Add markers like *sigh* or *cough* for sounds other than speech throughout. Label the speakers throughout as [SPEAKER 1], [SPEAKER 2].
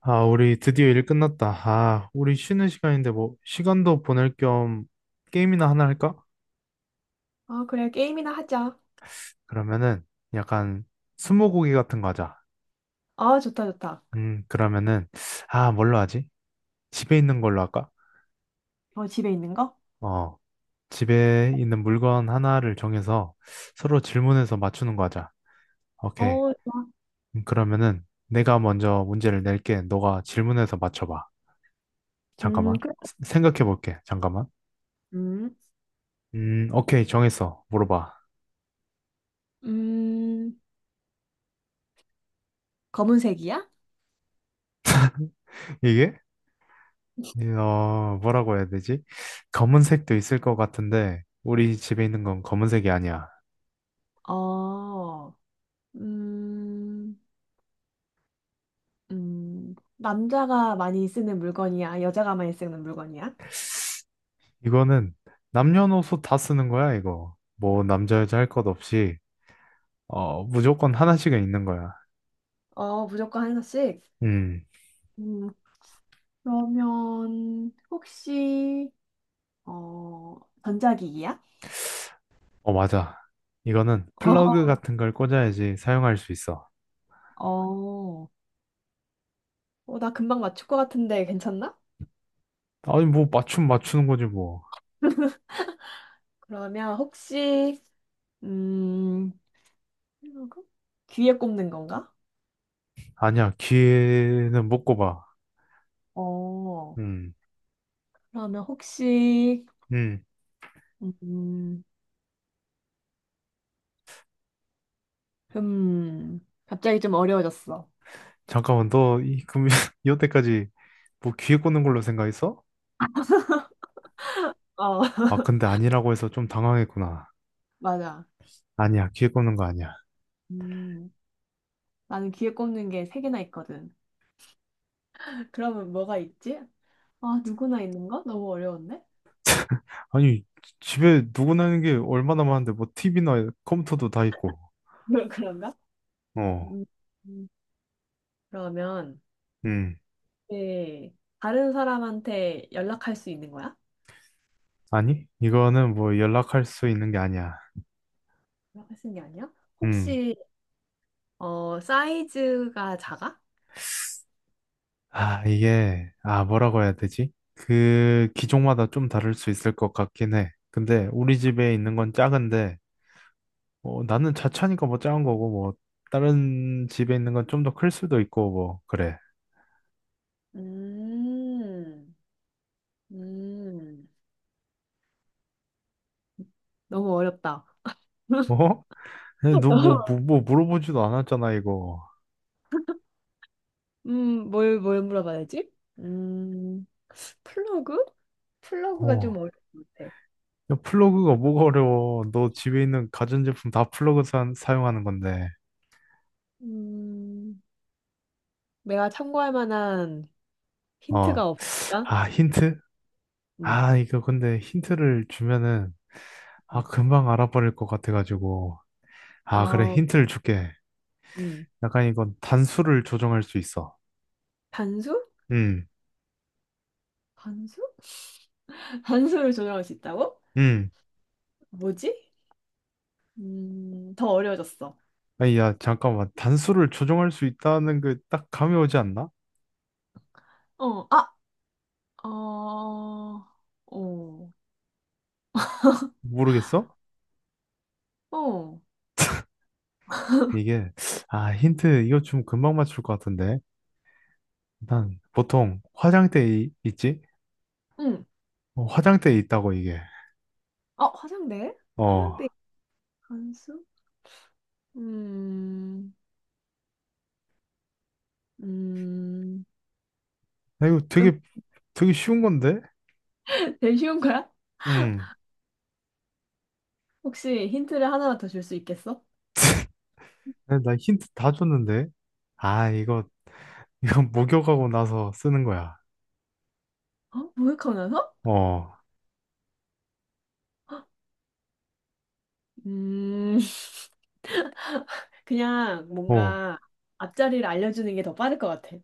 [SPEAKER 1] 아, 우리 드디어 일 끝났다. 아, 우리 쉬는 시간인데 뭐 시간도 보낼 겸 게임이나 하나 할까?
[SPEAKER 2] 아, 그래. 게임이나 하자.
[SPEAKER 1] 그러면은 약간 스무고개 같은 거 하자.
[SPEAKER 2] 아, 좋다, 좋다.
[SPEAKER 1] 그러면은 아, 뭘로 하지? 집에 있는 걸로 할까?
[SPEAKER 2] 어, 집에 있는 거?
[SPEAKER 1] 어, 집에 있는 물건 하나를 정해서 서로 질문해서 맞추는 거 하자. 오케이.
[SPEAKER 2] 어, 좋아.
[SPEAKER 1] 그러면은 내가 먼저 문제를 낼게. 너가 질문해서 맞춰봐. 잠깐만.
[SPEAKER 2] 그래.
[SPEAKER 1] 생각해 볼게. 잠깐만.
[SPEAKER 2] 음,
[SPEAKER 1] 오케이. 정했어. 물어봐.
[SPEAKER 2] 음, 검은색이야?
[SPEAKER 1] *laughs* 이게? 어, 뭐라고 해야 되지? 검은색도 있을 것 같은데, 우리 집에 있는 건 검은색이 아니야.
[SPEAKER 2] 어, 음, 남자가 많이 쓰는 물건이야? 여자가 많이 쓰는 물건이야?
[SPEAKER 1] 이거는 남녀노소 다 쓰는 거야, 이거. 뭐, 남자, 여자 할 것 없이, 어, 무조건 하나씩은 있는 거야.
[SPEAKER 2] 어, 무조건 하나씩.
[SPEAKER 1] 음.
[SPEAKER 2] 음, 그러면, 혹시, 어, 전자기기야?
[SPEAKER 1] 어, 맞아. 이거는
[SPEAKER 2] 어,
[SPEAKER 1] 플러그 같은 걸 꽂아야지 사용할 수 있어.
[SPEAKER 2] 어, 나 금방 맞출 것 같은데 괜찮나?
[SPEAKER 1] 아니, 뭐, 맞춤 맞추는 거지, 뭐.
[SPEAKER 2] *laughs* 그러면 혹시, 음, 필러 귀에 꼽는 건가?
[SPEAKER 1] 아니야, 귀에는 못 꼽아.
[SPEAKER 2] 어,
[SPEAKER 1] 음,
[SPEAKER 2] 그러면 혹시,
[SPEAKER 1] 음.
[SPEAKER 2] 음, 갑자기 좀 어려워졌어.
[SPEAKER 1] 잠깐만, 너, *laughs* 이때까지 뭐 귀에 꽂는 걸로 생각했어?
[SPEAKER 2] 어,
[SPEAKER 1] 아, 근데
[SPEAKER 2] *laughs*
[SPEAKER 1] 아니라고 해서 좀 당황했구나.
[SPEAKER 2] 맞아.
[SPEAKER 1] 아니야, 기회 꼽는 거 아니야.
[SPEAKER 2] 음, 나는 귀에 꼽는 게 세 개나 있거든. 그러면 뭐가 있지? 아, 누구나 있는 거? 너무 어려운데?
[SPEAKER 1] 아니, 집에 누구나 있는 게 얼마나 많은데, 뭐, TV나 컴퓨터도 다 있고.
[SPEAKER 2] *laughs* 그런가?
[SPEAKER 1] 어,
[SPEAKER 2] 음, 음. 그러면
[SPEAKER 1] 음.
[SPEAKER 2] 네. 다른 사람한테 연락할 수 있는 거야?
[SPEAKER 1] 아니, 이거는 뭐 연락할 수 있는 게 아니야.
[SPEAKER 2] 연락할 수 있는 게 아니야?
[SPEAKER 1] 음.
[SPEAKER 2] 혹시 어, 사이즈가 작아?
[SPEAKER 1] 아, 이게, 아, 뭐라고 해야 되지? 그, 기종마다 좀 다를 수 있을 것 같긴 해. 근데, 우리 집에 있는 건 작은데, 어, 나는 자차니까 뭐 작은 거고, 뭐, 다른 집에 있는 건 좀 더 클 수도 있고, 뭐, 그래.
[SPEAKER 2] 음, 음, 너무 어렵다. *laughs*
[SPEAKER 1] 어? 너
[SPEAKER 2] 너무,
[SPEAKER 1] 뭐 물어보지도 않았잖아, 이거.
[SPEAKER 2] 뭘 물어봐야 되지? 음, 플러그? 플러그가 좀
[SPEAKER 1] 어.
[SPEAKER 2] 어려운 것 같아.
[SPEAKER 1] 야, 플러그가 뭐가 어려워. 너 집에 있는 가전제품 다 플러그 사용하는 건데.
[SPEAKER 2] 음, 내가 참고할 만한
[SPEAKER 1] 어.
[SPEAKER 2] 힌트가 없을까?
[SPEAKER 1] 아, 힌트?
[SPEAKER 2] 음,
[SPEAKER 1] 아, 이거 근데 힌트를 주면은, 아,
[SPEAKER 2] 음.
[SPEAKER 1] 금방 알아버릴 것 같아가지고. 아, 그래,
[SPEAKER 2] 어,
[SPEAKER 1] 힌트를 줄게.
[SPEAKER 2] 음,
[SPEAKER 1] 약간 이건 단수를 조정할 수 있어.
[SPEAKER 2] 단수?
[SPEAKER 1] 음.
[SPEAKER 2] 단수? *laughs* 단수를 조정할 수 있다고?
[SPEAKER 1] 음.
[SPEAKER 2] 뭐지? 더 어려워졌어.
[SPEAKER 1] 아니, 야, 잠깐만. 단수를 조정할 수 있다는 게 딱 감이 오지 않나?
[SPEAKER 2] 어, 아, 어, 어,
[SPEAKER 1] 모르겠어?
[SPEAKER 2] 어,
[SPEAKER 1] 이게, 아, 힌트, 이거 좀 금방 맞출 것 같은데. 난 보통 화장대에 있지?
[SPEAKER 2] 응.
[SPEAKER 1] 어, 화장대에 있다고 이게.
[SPEAKER 2] 어, 화장대?
[SPEAKER 1] 어,
[SPEAKER 2] 화장대 단수? 음, 음,
[SPEAKER 1] 나 이거
[SPEAKER 2] 음,
[SPEAKER 1] 되게 되게 쉬운 건데?
[SPEAKER 2] 일 쉬운 거야?
[SPEAKER 1] 음.
[SPEAKER 2] 혹시 힌트를 하나만 더 줄 수 있겠어?
[SPEAKER 1] *laughs* 나 힌트 다 줬는데? 아, 이거 *laughs* 목욕하고 나서 쓰는 거야.
[SPEAKER 2] 어? 모욕하면서?
[SPEAKER 1] 어,
[SPEAKER 2] 음, *laughs* 그냥
[SPEAKER 1] 어.
[SPEAKER 2] 뭔가 앞자리를 알려주는 게 더 빠를 것 같아.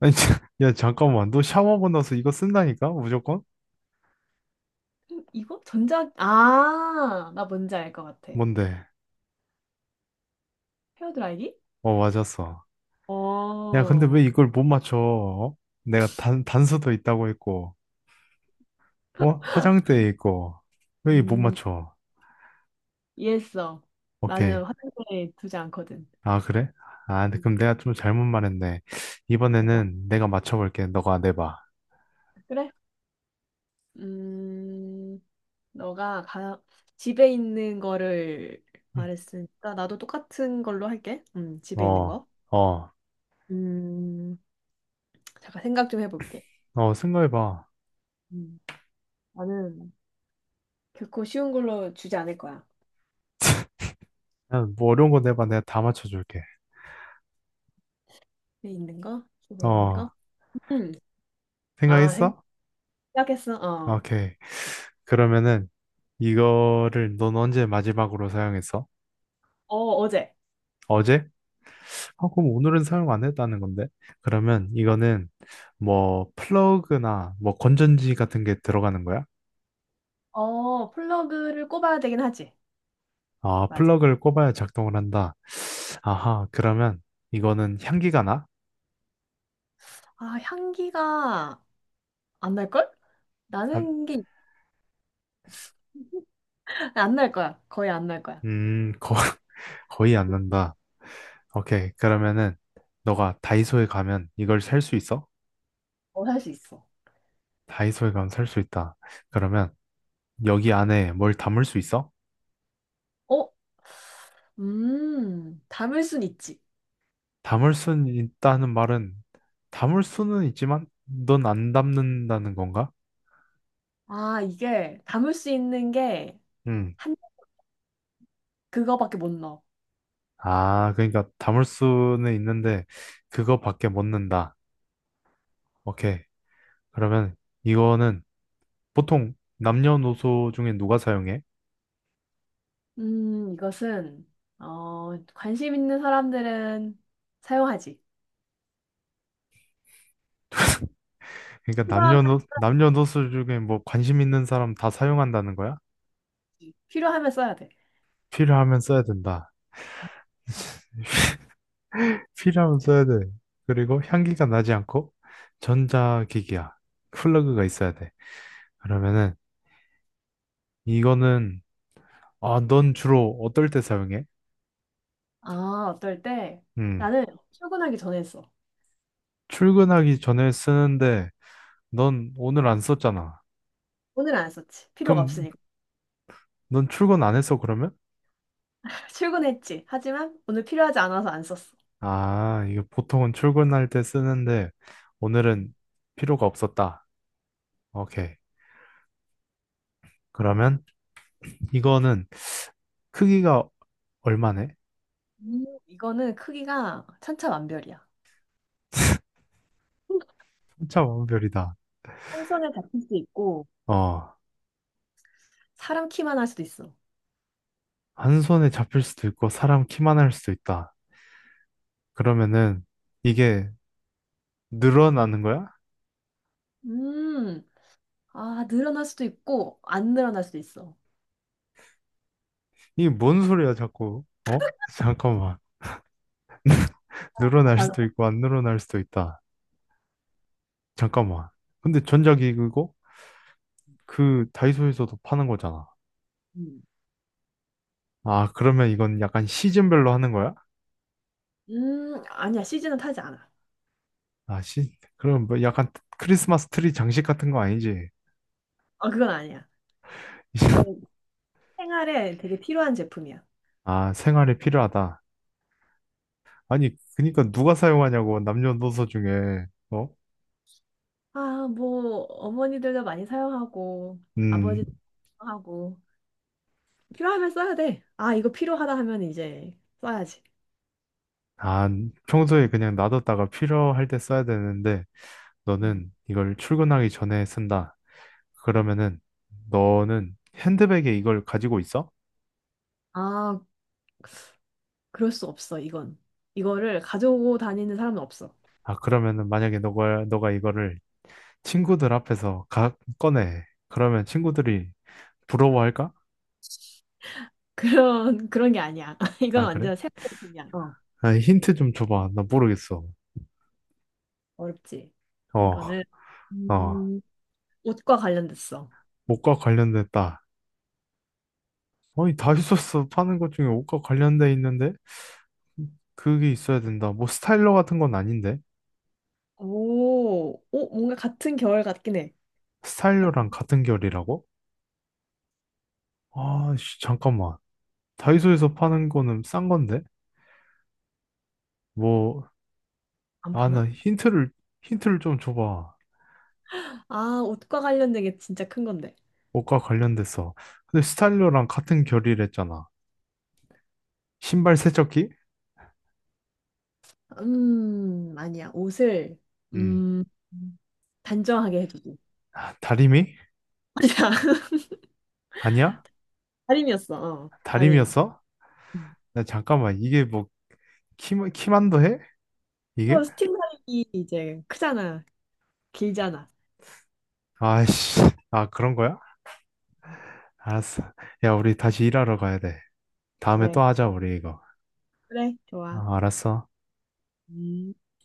[SPEAKER 1] 아니, *laughs* 야 잠깐만, 너 샤워하고 나서 이거 쓴다니까? 무조건?
[SPEAKER 2] 이거? 전자, 아, 나 뭔지 알 것 같아.
[SPEAKER 1] 뭔데?
[SPEAKER 2] 헤어드라이기?
[SPEAKER 1] 어, 맞았어. 야, 근데 왜
[SPEAKER 2] 어,
[SPEAKER 1] 이걸 못 맞춰? 어? 내가 단 단서도 있다고 했고, 어? 화장대에 있고, 왜 못
[SPEAKER 2] 음,
[SPEAKER 1] 맞춰?
[SPEAKER 2] 이해했어.
[SPEAKER 1] 오케이.
[SPEAKER 2] 나는 화장실에 두지 않거든.
[SPEAKER 1] 아, 그래? 아, 근데
[SPEAKER 2] 음,
[SPEAKER 1] 그럼 내가 좀 잘못 말했네.
[SPEAKER 2] 맞아.
[SPEAKER 1] 이번에는 내가 맞춰볼게. 너가 내봐.
[SPEAKER 2] 그래? 음, 너가 가, 집에 있는 거를 말했으니까 나도 똑같은 걸로 할게.
[SPEAKER 1] 음.
[SPEAKER 2] 집에 있는 거.
[SPEAKER 1] 어,
[SPEAKER 2] 음, 잠깐 생각 좀 해볼게.
[SPEAKER 1] 생각해봐.
[SPEAKER 2] 음, 나는 결코 쉬운 걸로 주지 않을 거야.
[SPEAKER 1] 야, 뭐 어려운 거 내봐. 내가 다 맞춰줄게.
[SPEAKER 2] 집에 있는 거? 집에 있는 거?
[SPEAKER 1] 어,
[SPEAKER 2] 음, 아,
[SPEAKER 1] 생각했어?
[SPEAKER 2] 생각했어. 어,
[SPEAKER 1] 오케이. 그러면은 이거를 넌 언제 마지막으로 사용했어?
[SPEAKER 2] 어, 어제.
[SPEAKER 1] 어제? 아, 그럼 오늘은 사용 안 했다는 건데. 그러면 이거는 뭐 플러그나 뭐 건전지 같은 게 들어가는 거야?
[SPEAKER 2] 어, 플러그를 꼽아야 되긴 하지.
[SPEAKER 1] 아,
[SPEAKER 2] 맞아.
[SPEAKER 1] 플러그를 꼽아야 작동을 한다. 아하, 그러면 이거는 향기가 나?
[SPEAKER 2] 아, 향기가 안 날걸?
[SPEAKER 1] 안,
[SPEAKER 2] 나는 게 안 날 거야. 거의 안 날 거야.
[SPEAKER 1] 거, *laughs* 거의 안 난다. 오케이. 그러면은, 너가 다이소에 가면 이걸 살 수 있어?
[SPEAKER 2] 어, 할 수 있어.
[SPEAKER 1] 다이소에 가면 살 수 있다. 그러면, 여기 안에 뭘 담을 수 있어?
[SPEAKER 2] 어? 담을 순 있지.
[SPEAKER 1] 담을 수는 있다는 말은, 담을 수는 있지만, 넌 안 담는다는 건가?
[SPEAKER 2] 아, 이게 담을 수 있는 게
[SPEAKER 1] 응.
[SPEAKER 2] 한, 그거밖에 못 넣어.
[SPEAKER 1] 아, 그러니까 담을 수는 있는데, 그거밖에 못 넣는다. 오케이. 그러면, 이거는 보통 남녀노소 중에 누가 사용해?
[SPEAKER 2] 이것은, 어, 관심 있는 사람들은 사용하지.
[SPEAKER 1] 그러니까
[SPEAKER 2] 필요하,
[SPEAKER 1] 남녀노소 중에 뭐 관심 있는 사람 다 사용한다는 거야?
[SPEAKER 2] 필요하면 써야 돼.
[SPEAKER 1] 필요하면 써야 된다. 필요하면 써야 돼. 그리고 향기가 나지 않고 전자기기야. 플러그가 있어야 돼. 그러면은 이거는 아, 넌 주로 어떨 때 사용해?
[SPEAKER 2] 아, 어떨 때
[SPEAKER 1] 음.
[SPEAKER 2] 나는 출근하기 전에 써.
[SPEAKER 1] 출근하기 전에 쓰는데 넌 오늘 안 썼잖아.
[SPEAKER 2] 오늘 안 썼지. 필요가
[SPEAKER 1] 그럼
[SPEAKER 2] 없으니까.
[SPEAKER 1] 넌 출근 안 했어 그러면?
[SPEAKER 2] *laughs* 출근했지. 하지만 오늘 필요하지 않아서 안 썼어.
[SPEAKER 1] 아, 이거 보통은 출근할 때 쓰는데 오늘은 필요가 없었다. 오케이. 그러면 이거는 크기가 얼마네?
[SPEAKER 2] 이거는 크기가 천차만별이야.
[SPEAKER 1] 3차 완별이다.
[SPEAKER 2] 한 손에 잡힐 수 있고,
[SPEAKER 1] 어,
[SPEAKER 2] 사람 키만 할 수도 있어.
[SPEAKER 1] 한 손에 잡힐 수도 있고 사람 키만 할 수도 있다. 그러면은 이게 늘어나는 거야?
[SPEAKER 2] 음, 아, 늘어날 수도 있고, 안 늘어날 수도 있어.
[SPEAKER 1] 이게 뭔 소리야 자꾸? 어? *laughs* 잠깐만.
[SPEAKER 2] 아,
[SPEAKER 1] 늘어날
[SPEAKER 2] 맞아.
[SPEAKER 1] 수도 있고 안 늘어날 수도 있다. 잠깐만. 근데 전자기기고 그 다이소에서도 파는 거잖아.
[SPEAKER 2] 음,
[SPEAKER 1] 아, 그러면 이건 약간 시즌별로 하는 거야?
[SPEAKER 2] 아니야. 시즌은 타지 않아.
[SPEAKER 1] 그럼 뭐 약간 크리스마스 트리 장식 같은 거 아니지?
[SPEAKER 2] 어, 그건 아니야. 이건
[SPEAKER 1] *laughs*
[SPEAKER 2] 생활에 되게 필요한 제품이야.
[SPEAKER 1] 아, 생활에 필요하다. 아니, 그니까 누가 사용하냐고, 남녀노소 중에, 어?
[SPEAKER 2] 아, 뭐, 어머니들도 많이 사용하고,
[SPEAKER 1] 음,
[SPEAKER 2] 아버지도 사용하고, 필요하면 써야 돼. 아, 이거 필요하다 하면 이제 써야지.
[SPEAKER 1] 아, 평소에 그냥 놔뒀다가 필요할 때 써야 되는데,
[SPEAKER 2] 음.
[SPEAKER 1] 너는 이걸 출근하기 전에 쓴다. 그러면은, 너는 핸드백에 이걸 가지고 있어?
[SPEAKER 2] 아, 그럴 수 없어, 이건. 이거를 가지고 다니는 사람은 없어. *laughs*
[SPEAKER 1] 아, 그러면은 만약에 너가 이거를 친구들 앞에서 가, 꺼내. 그러면 친구들이 부러워할까?
[SPEAKER 2] 그런 게 아니야. *laughs* 이건
[SPEAKER 1] 아, 그래?
[SPEAKER 2] 완전 새로운 제품이야. 어,
[SPEAKER 1] 아, 힌트 좀 줘봐. 나 모르겠어.
[SPEAKER 2] 어렵지.
[SPEAKER 1] 어,
[SPEAKER 2] 이거는.
[SPEAKER 1] 어,
[SPEAKER 2] 음, 옷과 관련됐어.
[SPEAKER 1] 옷과 관련됐다. 아니, 다이소스 파는 것 중에 옷과 관련돼 있는데? 그게 있어야 된다. 뭐 스타일러 같은 건 아닌데?
[SPEAKER 2] 오, 어, 뭔가 같은 계열 같긴 해. 같,
[SPEAKER 1] 스타일러랑 같은 결이라고? 아, 씨, 잠깐만. 다이소에서 파는 거는 싼 건데? 뭐,
[SPEAKER 2] 안
[SPEAKER 1] 아,
[SPEAKER 2] 파나?
[SPEAKER 1] 힌트를 좀 줘봐.
[SPEAKER 2] 아, 옷과 관련된 게 진짜 큰 건데.
[SPEAKER 1] 옷과 관련돼서. 근데 스타일러랑 같은 결이랬잖아. 신발 세척기?
[SPEAKER 2] 아니야. 옷을,
[SPEAKER 1] 음.
[SPEAKER 2] 음, 단정하게 해주고.
[SPEAKER 1] 다리미?
[SPEAKER 2] *laughs* 맞아.
[SPEAKER 1] 아니야?
[SPEAKER 2] 다림이었어. 어, 다림이.
[SPEAKER 1] 다리미였어?
[SPEAKER 2] 음.
[SPEAKER 1] 나 잠깐만. 이게 뭐, 키만도 해?
[SPEAKER 2] 또
[SPEAKER 1] 이게?
[SPEAKER 2] 스팀 다림이 이제 크잖아. 길잖아.
[SPEAKER 1] 아씨. 아, 그런 거야? 알았어. 야, 우리 다시 일하러 가야 돼. 다음에
[SPEAKER 2] 그래.
[SPEAKER 1] 또 하자, 우리 이거.
[SPEAKER 2] 그래. 좋아.
[SPEAKER 1] 아, 알았어.
[SPEAKER 2] 음.